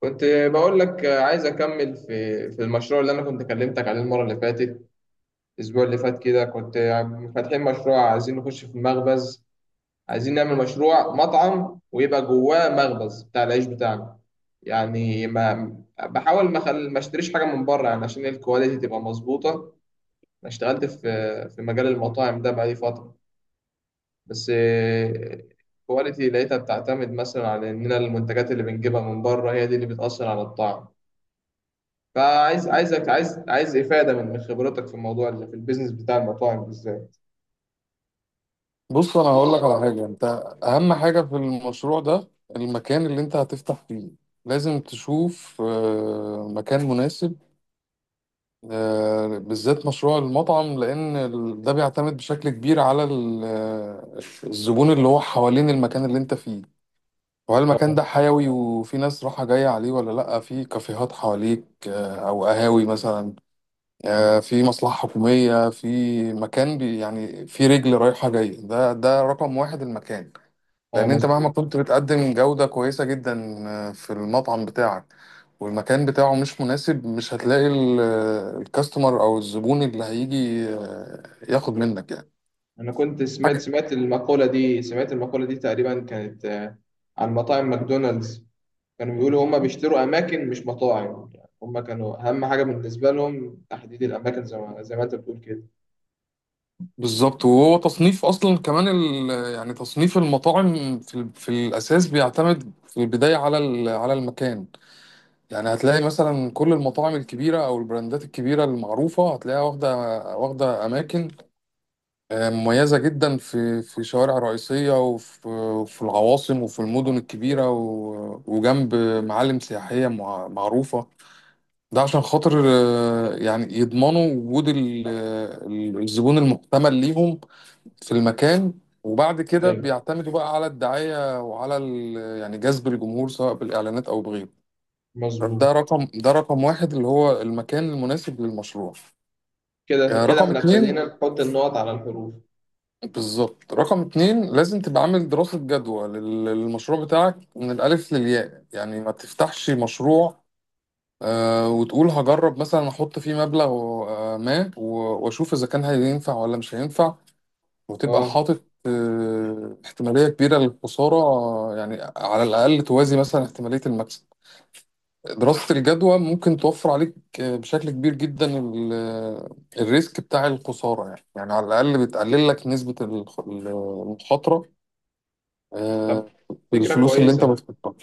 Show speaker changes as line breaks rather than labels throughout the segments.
كنت بقول لك عايز اكمل في المشروع اللي انا كنت كلمتك عليه المره اللي فاتت. الاسبوع اللي فات كده كنت فاتحين مشروع، عايزين نخش في مخبز. عايزين نعمل مشروع مطعم ويبقى جواه مخبز بتاع العيش بتاعنا. يعني ما بحاول ما اشتريش حاجه من بره، يعني عشان الكواليتي تبقى مظبوطه. انا اشتغلت في مجال المطاعم ده بقالي فتره. بس الكواليتي لقيتها بتعتمد مثلا على اننا المنتجات اللي بنجيبها من بره هي دي اللي بتاثر على الطعم. فعايز عايزك عايز عايز إفادة من خبرتك في الموضوع اللي في البيزنس بتاع المطاعم بالذات.
بص، انا هقول لك على حاجه. انت اهم حاجه في المشروع ده المكان اللي انت هتفتح فيه. لازم تشوف مكان مناسب. بالذات مشروع المطعم، لان ده بيعتمد بشكل كبير على الزبون اللي هو حوالين المكان اللي انت فيه، وهل المكان
اه،
ده حيوي وفي ناس راحة جاية عليه ولا لأ، في كافيهات حواليك أو قهاوي مثلا، في مصلحة حكومية، في مكان يعني في رجل رايحة جاية. ده رقم واحد، المكان.
اه،
لان انت مهما
مظبوط.
كنت بتقدم جودة كويسة جدا في المطعم بتاعك، والمكان بتاعه مش مناسب، مش هتلاقي الكاستمر او الزبون اللي هيجي ياخد منك يعني
أنا كنت
حاجة.
سمعت المقولة دي تقريبا، كانت عن مطاعم ماكدونالدز. كانوا بيقولوا هما بيشتروا أماكن مش مطاعم، يعني هما كانوا أهم حاجة بالنسبة لهم تحديد الأماكن زي ما أنت بتقول كده.
بالظبط، وهو تصنيف اصلا كمان ال... آه، يعني تصنيف المطاعم في الاساس بيعتمد في البداية على على المكان. يعني هتلاقي مثلا كل المطاعم الكبيرة او البراندات الكبيرة المعروفة هتلاقيها واخدة اماكن مميزة جدا في شوارع رئيسية، وفي العواصم، وفي المدن الكبيرة، و- وجنب معالم سياحية معروفة. ده عشان خاطر يعني يضمنوا وجود الزبون المحتمل ليهم في المكان. وبعد كده
أيوه،
بيعتمدوا بقى على الدعاية وعلى يعني جذب الجمهور، سواء بالإعلانات أو بغيره.
مظبوط.
ده رقم واحد، اللي هو المكان المناسب للمشروع.
كده كده
رقم
إحنا
اتنين.
ابتدينا نحط النقط على الحروف.
بالظبط، رقم اتنين لازم تبقى عامل دراسة جدوى للمشروع بتاعك من الألف للياء. يعني ما تفتحش مشروع وتقول هجرب مثلا أحط فيه مبلغ آه، ما و- وأشوف إذا كان هينفع ولا مش هينفع، وتبقى
اه،
حاطط احتمالية كبيرة للخسارة، يعني على الأقل توازي مثلا احتمالية المكسب. دراسة الجدوى ممكن توفر عليك بشكل كبير جدا الريسك بتاع الخسارة. يعني على الأقل بتقلل لك نسبة المخاطرة
طب
آه،
فكرة
بالفلوس اللي انت
كويسة.
بتحطها.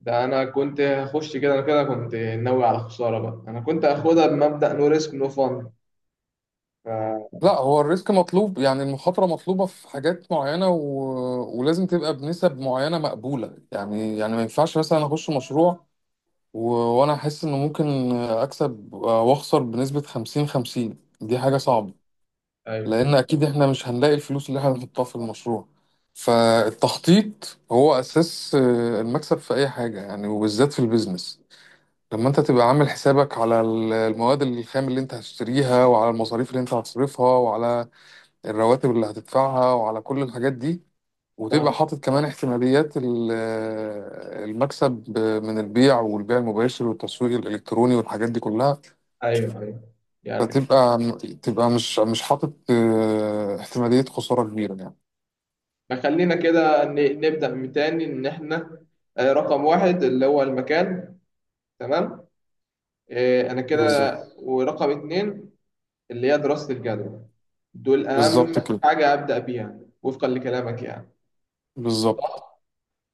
ده انا كنت هخش كده، انا كده كنت ناوي على خساره بقى، انا كنت هاخدها بمبدأ نو ريسك نو فان. ف...
لا، هو الريسك مطلوب، يعني المخاطرة مطلوبة في حاجات معينة، و... ولازم تبقى بنسب معينة مقبولة. يعني ما ينفعش مثلا اخش مشروع و... وانا احس انه ممكن اكسب واخسر بنسبة 50 50، دي حاجة صعبة،
ايوه،
لان اكيد احنا مش هنلاقي الفلوس اللي احنا هنحطها في المشروع. فالتخطيط هو اساس المكسب في اي حاجة يعني، وبالذات في البيزنس. طب ما انت تبقى عامل حسابك على المواد الخام اللي انت هتشتريها، وعلى المصاريف اللي انت هتصرفها، وعلى الرواتب اللي هتدفعها، وعلى كل الحاجات دي. وتبقى
صح،
حاطط كمان احتماليات المكسب من البيع، والبيع المباشر، والتسويق الالكتروني، والحاجات دي كلها.
ايوه، ايوه. يعني
فتبقى تبقى مش حاطط احتمالية خسارة كبيرة يعني.
فخلينا كده نبدأ من تاني ان احنا رقم واحد اللي هو المكان. تمام. انا كده،
بالظبط.
ورقم اتنين اللي هي دراسة الجدوى، دول اهم
بالظبط كده.
حاجة أبدأ بيها وفقا لكلامك يعني.
بالظبط.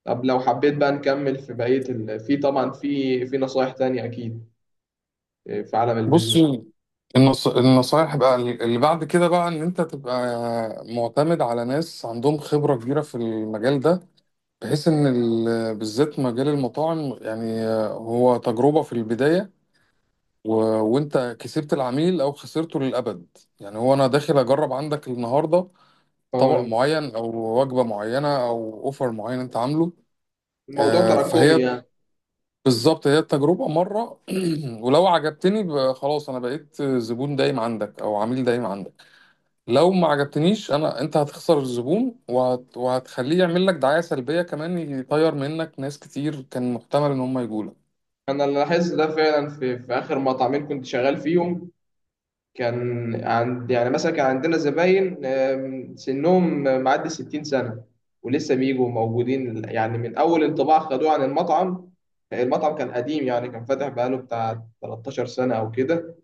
طب لو حبيت بقى نكمل في بقية في طبعا في نصايح تانية أكيد في عالم
بص،
البيزنس.
النصايح بقى اللي بعد كده بقى، ان انت تبقى معتمد على ناس عندهم خبرة كبيرة في المجال ده، بحيث ان بالذات مجال المطاعم يعني، هو تجربة في البداية، و... وانت كسبت العميل او خسرته للابد. يعني هو انا داخل اجرب عندك النهاردة طبق معين او وجبة معينة او اوفر معين انت عامله.
الموضوع
آه،
تراكمي
فهي
يعني.
بالظبط، هي التجربة مرة ولو عجبتني خلاص أنا بقيت زبون دايم عندك أو عميل دايم عندك. لو ما عجبتنيش أنا، أنت هتخسر الزبون وهت... وهتخليه يعمل لك دعاية سلبية كمان، يطير منك ناس كتير كان محتمل إن هم يجولك.
انا اللي لاحظت ده فعلا في اخر مطعمين كنت شغال فيهم. كان عند يعني مثلا كان عندنا زباين سنهم معدي 60 سنه ولسه بيجوا موجودين، يعني من اول انطباع خدوه عن المطعم. المطعم كان قديم، يعني كان فاتح بقاله بتاع 13 سنه او كده.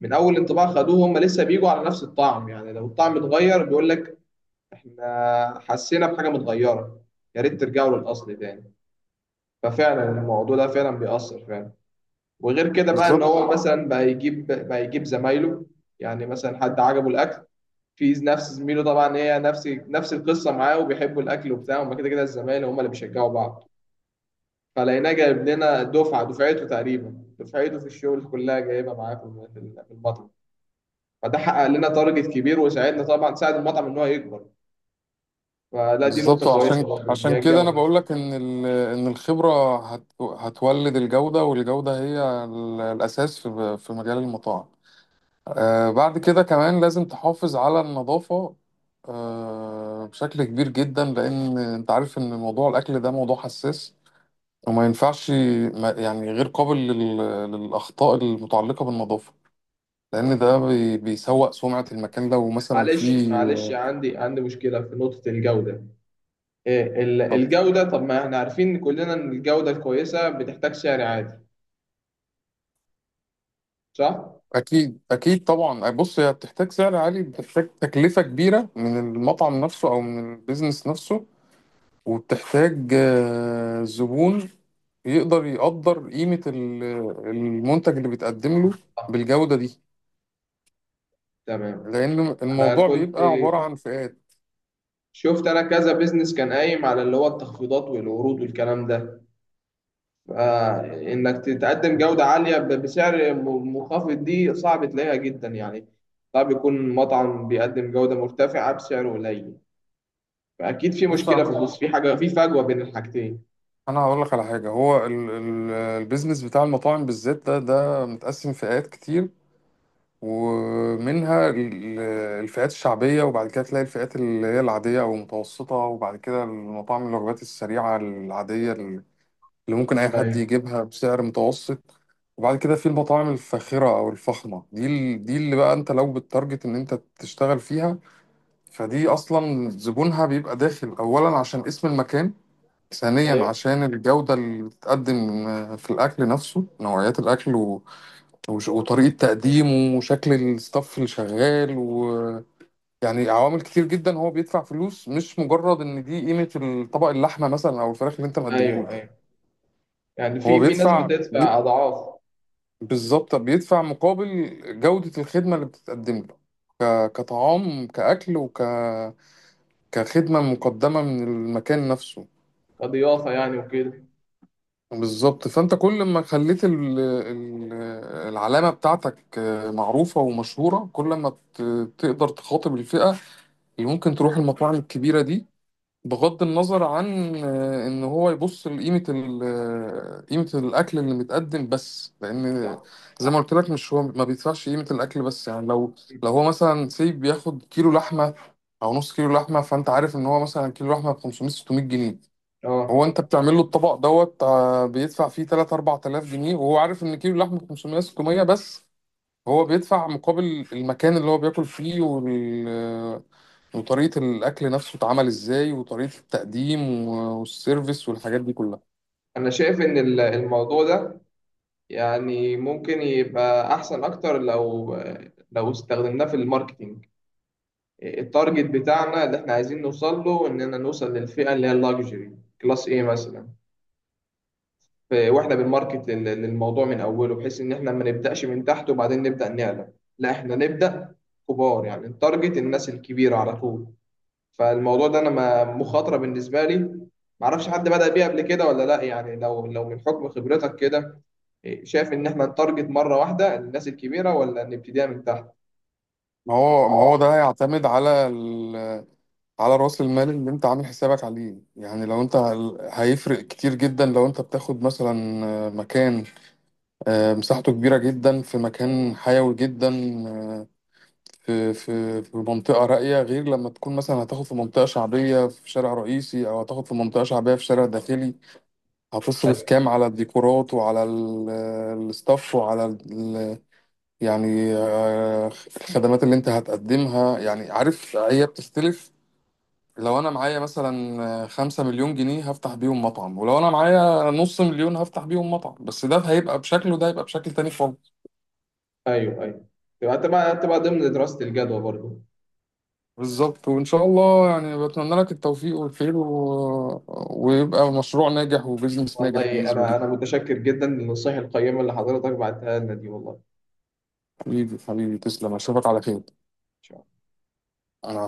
من اول انطباع خدوه هم لسه بيجوا على نفس الطعم، يعني لو الطعم اتغير بيقول لك احنا حسينا بحاجه متغيره، يا ريت ترجعوا للاصل تاني. ففعلا الموضوع ده فعلا بيأثر فعلا. وغير كده بقى ان
بالظبط.
هو مثلا بقى يجيب زمايله. يعني مثلا حد عجبه الاكل في نفس زميله، طبعا هي نفس القصه معاه وبيحبوا الاكل وبتاع، هما كده الزمايل هما اللي بيشجعوا بعض. فلقيناه جايب لنا دفعته تقريبا، دفعته في الشغل كلها جايبها معاه في في المطعم. فده حقق لنا تارجت كبير وساعدنا، طبعا ساعد المطعم ان هو يكبر. فلا، دي
بالظبط،
نقطه كويسه برضه اللي هي
عشان كده أنا
الجوده.
بقول لك إن إن الخبرة هتولد الجودة، والجودة هي الأساس في مجال المطاعم. آه، بعد كده كمان لازم تحافظ على النظافة آه، بشكل كبير جدا، لأن أنت عارف إن موضوع الأكل ده موضوع حساس، وما ينفعش، ما يعني، غير قابل للأخطاء المتعلقة بالنظافة، لأن ده بيسوء سمعة المكان لو مثلا
معلش
فيه.
معلش عندي مشكله في نقطه الجوده. إيه،
طب
الجودة، طب ما احنا عارفين كلنا ان الجودة الكويسة بتحتاج سعر عادي، صح؟
أكيد، أكيد طبعا. بص، هي بتحتاج سعر عالي، بتحتاج تكلفة كبيرة من المطعم نفسه أو من البيزنس نفسه، وبتحتاج زبون يقدر قيمة المنتج اللي بيتقدم له
آه،
بالجودة دي،
تمام.
لأن
انا
الموضوع
كنت
بيبقى عبارة عن فئات.
شفت انا كذا بيزنس كان قايم على اللي هو التخفيضات والعروض والكلام ده. فانك تتقدم جودة عالية بسعر منخفض دي صعب تلاقيها جدا يعني. صعب يكون مطعم بيقدم جودة مرتفعة بسعر قليل. فاكيد في
بص،
مشكلة في النص، في حاجة، في فجوة بين الحاجتين.
أنا هقول لك على حاجة. هو البيزنس بتاع المطاعم بالذات ده متقسم فئات كتير، ومنها الفئات الشعبية، وبعد كده تلاقي الفئات اللي هي العادية أو المتوسطة، وبعد كده المطاعم الوجبات السريعة العادية اللي ممكن أي حد
ايوه،
يجيبها بسعر متوسط، وبعد كده في المطاعم الفاخرة أو الفخمة. دي دي اللي بقى أنت لو بالتارجت إن أنت تشتغل فيها، فدي أصلا زبونها بيبقى داخل أولا عشان اسم المكان، ثانيا
ايوه،
عشان الجودة اللي بتتقدم في الأكل نفسه، نوعيات الأكل و... وش- وطريقة تقديمه، وشكل الستاف اللي شغال يعني عوامل كتير جدا. هو بيدفع فلوس مش مجرد إن دي قيمة الطبق، اللحمة مثلا أو الفراخ اللي أنت مقدمه
ايوه،
له.
ايوه. يعني
هو
في ناس
بيدفع.
بتدفع اضعاف.
بالظبط، بيدفع مقابل جودة الخدمة اللي بتتقدم له، كطعام، كأكل، وك كخدمة مقدمة من المكان نفسه.
كضيافة يعني وكده.
بالظبط، فأنت كل ما خليت العلامة بتاعتك معروفة ومشهورة، كل ما ت... تقدر تخاطب الفئة اللي ممكن تروح المطاعم الكبيرة دي، بغض النظر عن ان هو يبص لقيمه قيمه الاكل اللي متقدم، بس لان
صح،
زي ما قلت لك، مش هو ما بيدفعش قيمه الاكل بس. يعني لو هو مثلا سيب بياخد كيلو لحمه او نص كيلو لحمه، فانت عارف ان هو مثلا كيلو لحمه ب 500 600 جنيه، هو
اه.
انت بتعمل له الطبق دوت بيدفع فيه 3 4000 جنيه، وهو عارف ان كيلو لحمه ب 500 600 بس. هو بيدفع مقابل المكان اللي هو بياكل فيه، وال... وطريقة الأكل نفسه اتعمل إزاي، وطريقة التقديم، و- والسيرفيس، والحاجات دي كلها.
انا شايف ان الموضوع ده يعني ممكن يبقى احسن اكتر لو استخدمناه في الماركتينج. التارجت بتاعنا اللي احنا عايزين نوصل له اننا نوصل للفئة اللي هي اللاكجري كلاس ايه مثلا. واحنا بنماركت للموضوع من اوله، بحيث ان احنا ما نبداش من تحت وبعدين نبدا نعلى. لا، احنا نبدا كبار، يعني التارجت الناس الكبيرة على طول. فالموضوع ده انا مخاطره بالنسبه لي. معرفش حد بدأ بيه قبل كده ولا لا، يعني لو من حكم خبرتك كده إيه، شايف ان احنا نتارجت مره واحده الناس الكبيره ولا نبتديها من تحت.
ما هو ده هيعتمد على على رأس المال اللي أنت عامل حسابك عليه. يعني لو أنت هيفرق كتير جدا لو أنت بتاخد مثلا مكان مساحته كبيرة جدا في مكان حيوي جدا آه، في منطقة راقية، غير لما تكون مثلا هتاخد في منطقة شعبية في شارع رئيسي، أو هتاخد في منطقة شعبية في شارع داخلي. هتصرف
ايوه،
كام على الديكورات، وعلى الستاف، وعلى يعني آه، الخدمات اللي انت هتقدمها. يعني عارف، هي بتختلف. لو انا معايا مثلا 5 مليون جنيه هفتح بيهم مطعم، ولو انا معايا نص مليون هفتح بيهم مطعم بس، ده هيبقى بشكل وده هيبقى بشكل تاني خالص.
ايوه، ايوه. تبقى ضمن دراسه الجدوى برضو.
بالظبط. وان شاء الله يعني، بتمنى لك التوفيق والخير، و... ويبقى مشروع ناجح وبزنس ناجح
والله،
بالنسبة
انا
لي.
انا متشكر جدا للنصائح القيمه اللي حضرتك بعتها لنا دي والله.
حبيبي، تسلم، اشوفك على خير.
إن شاء الله.
انا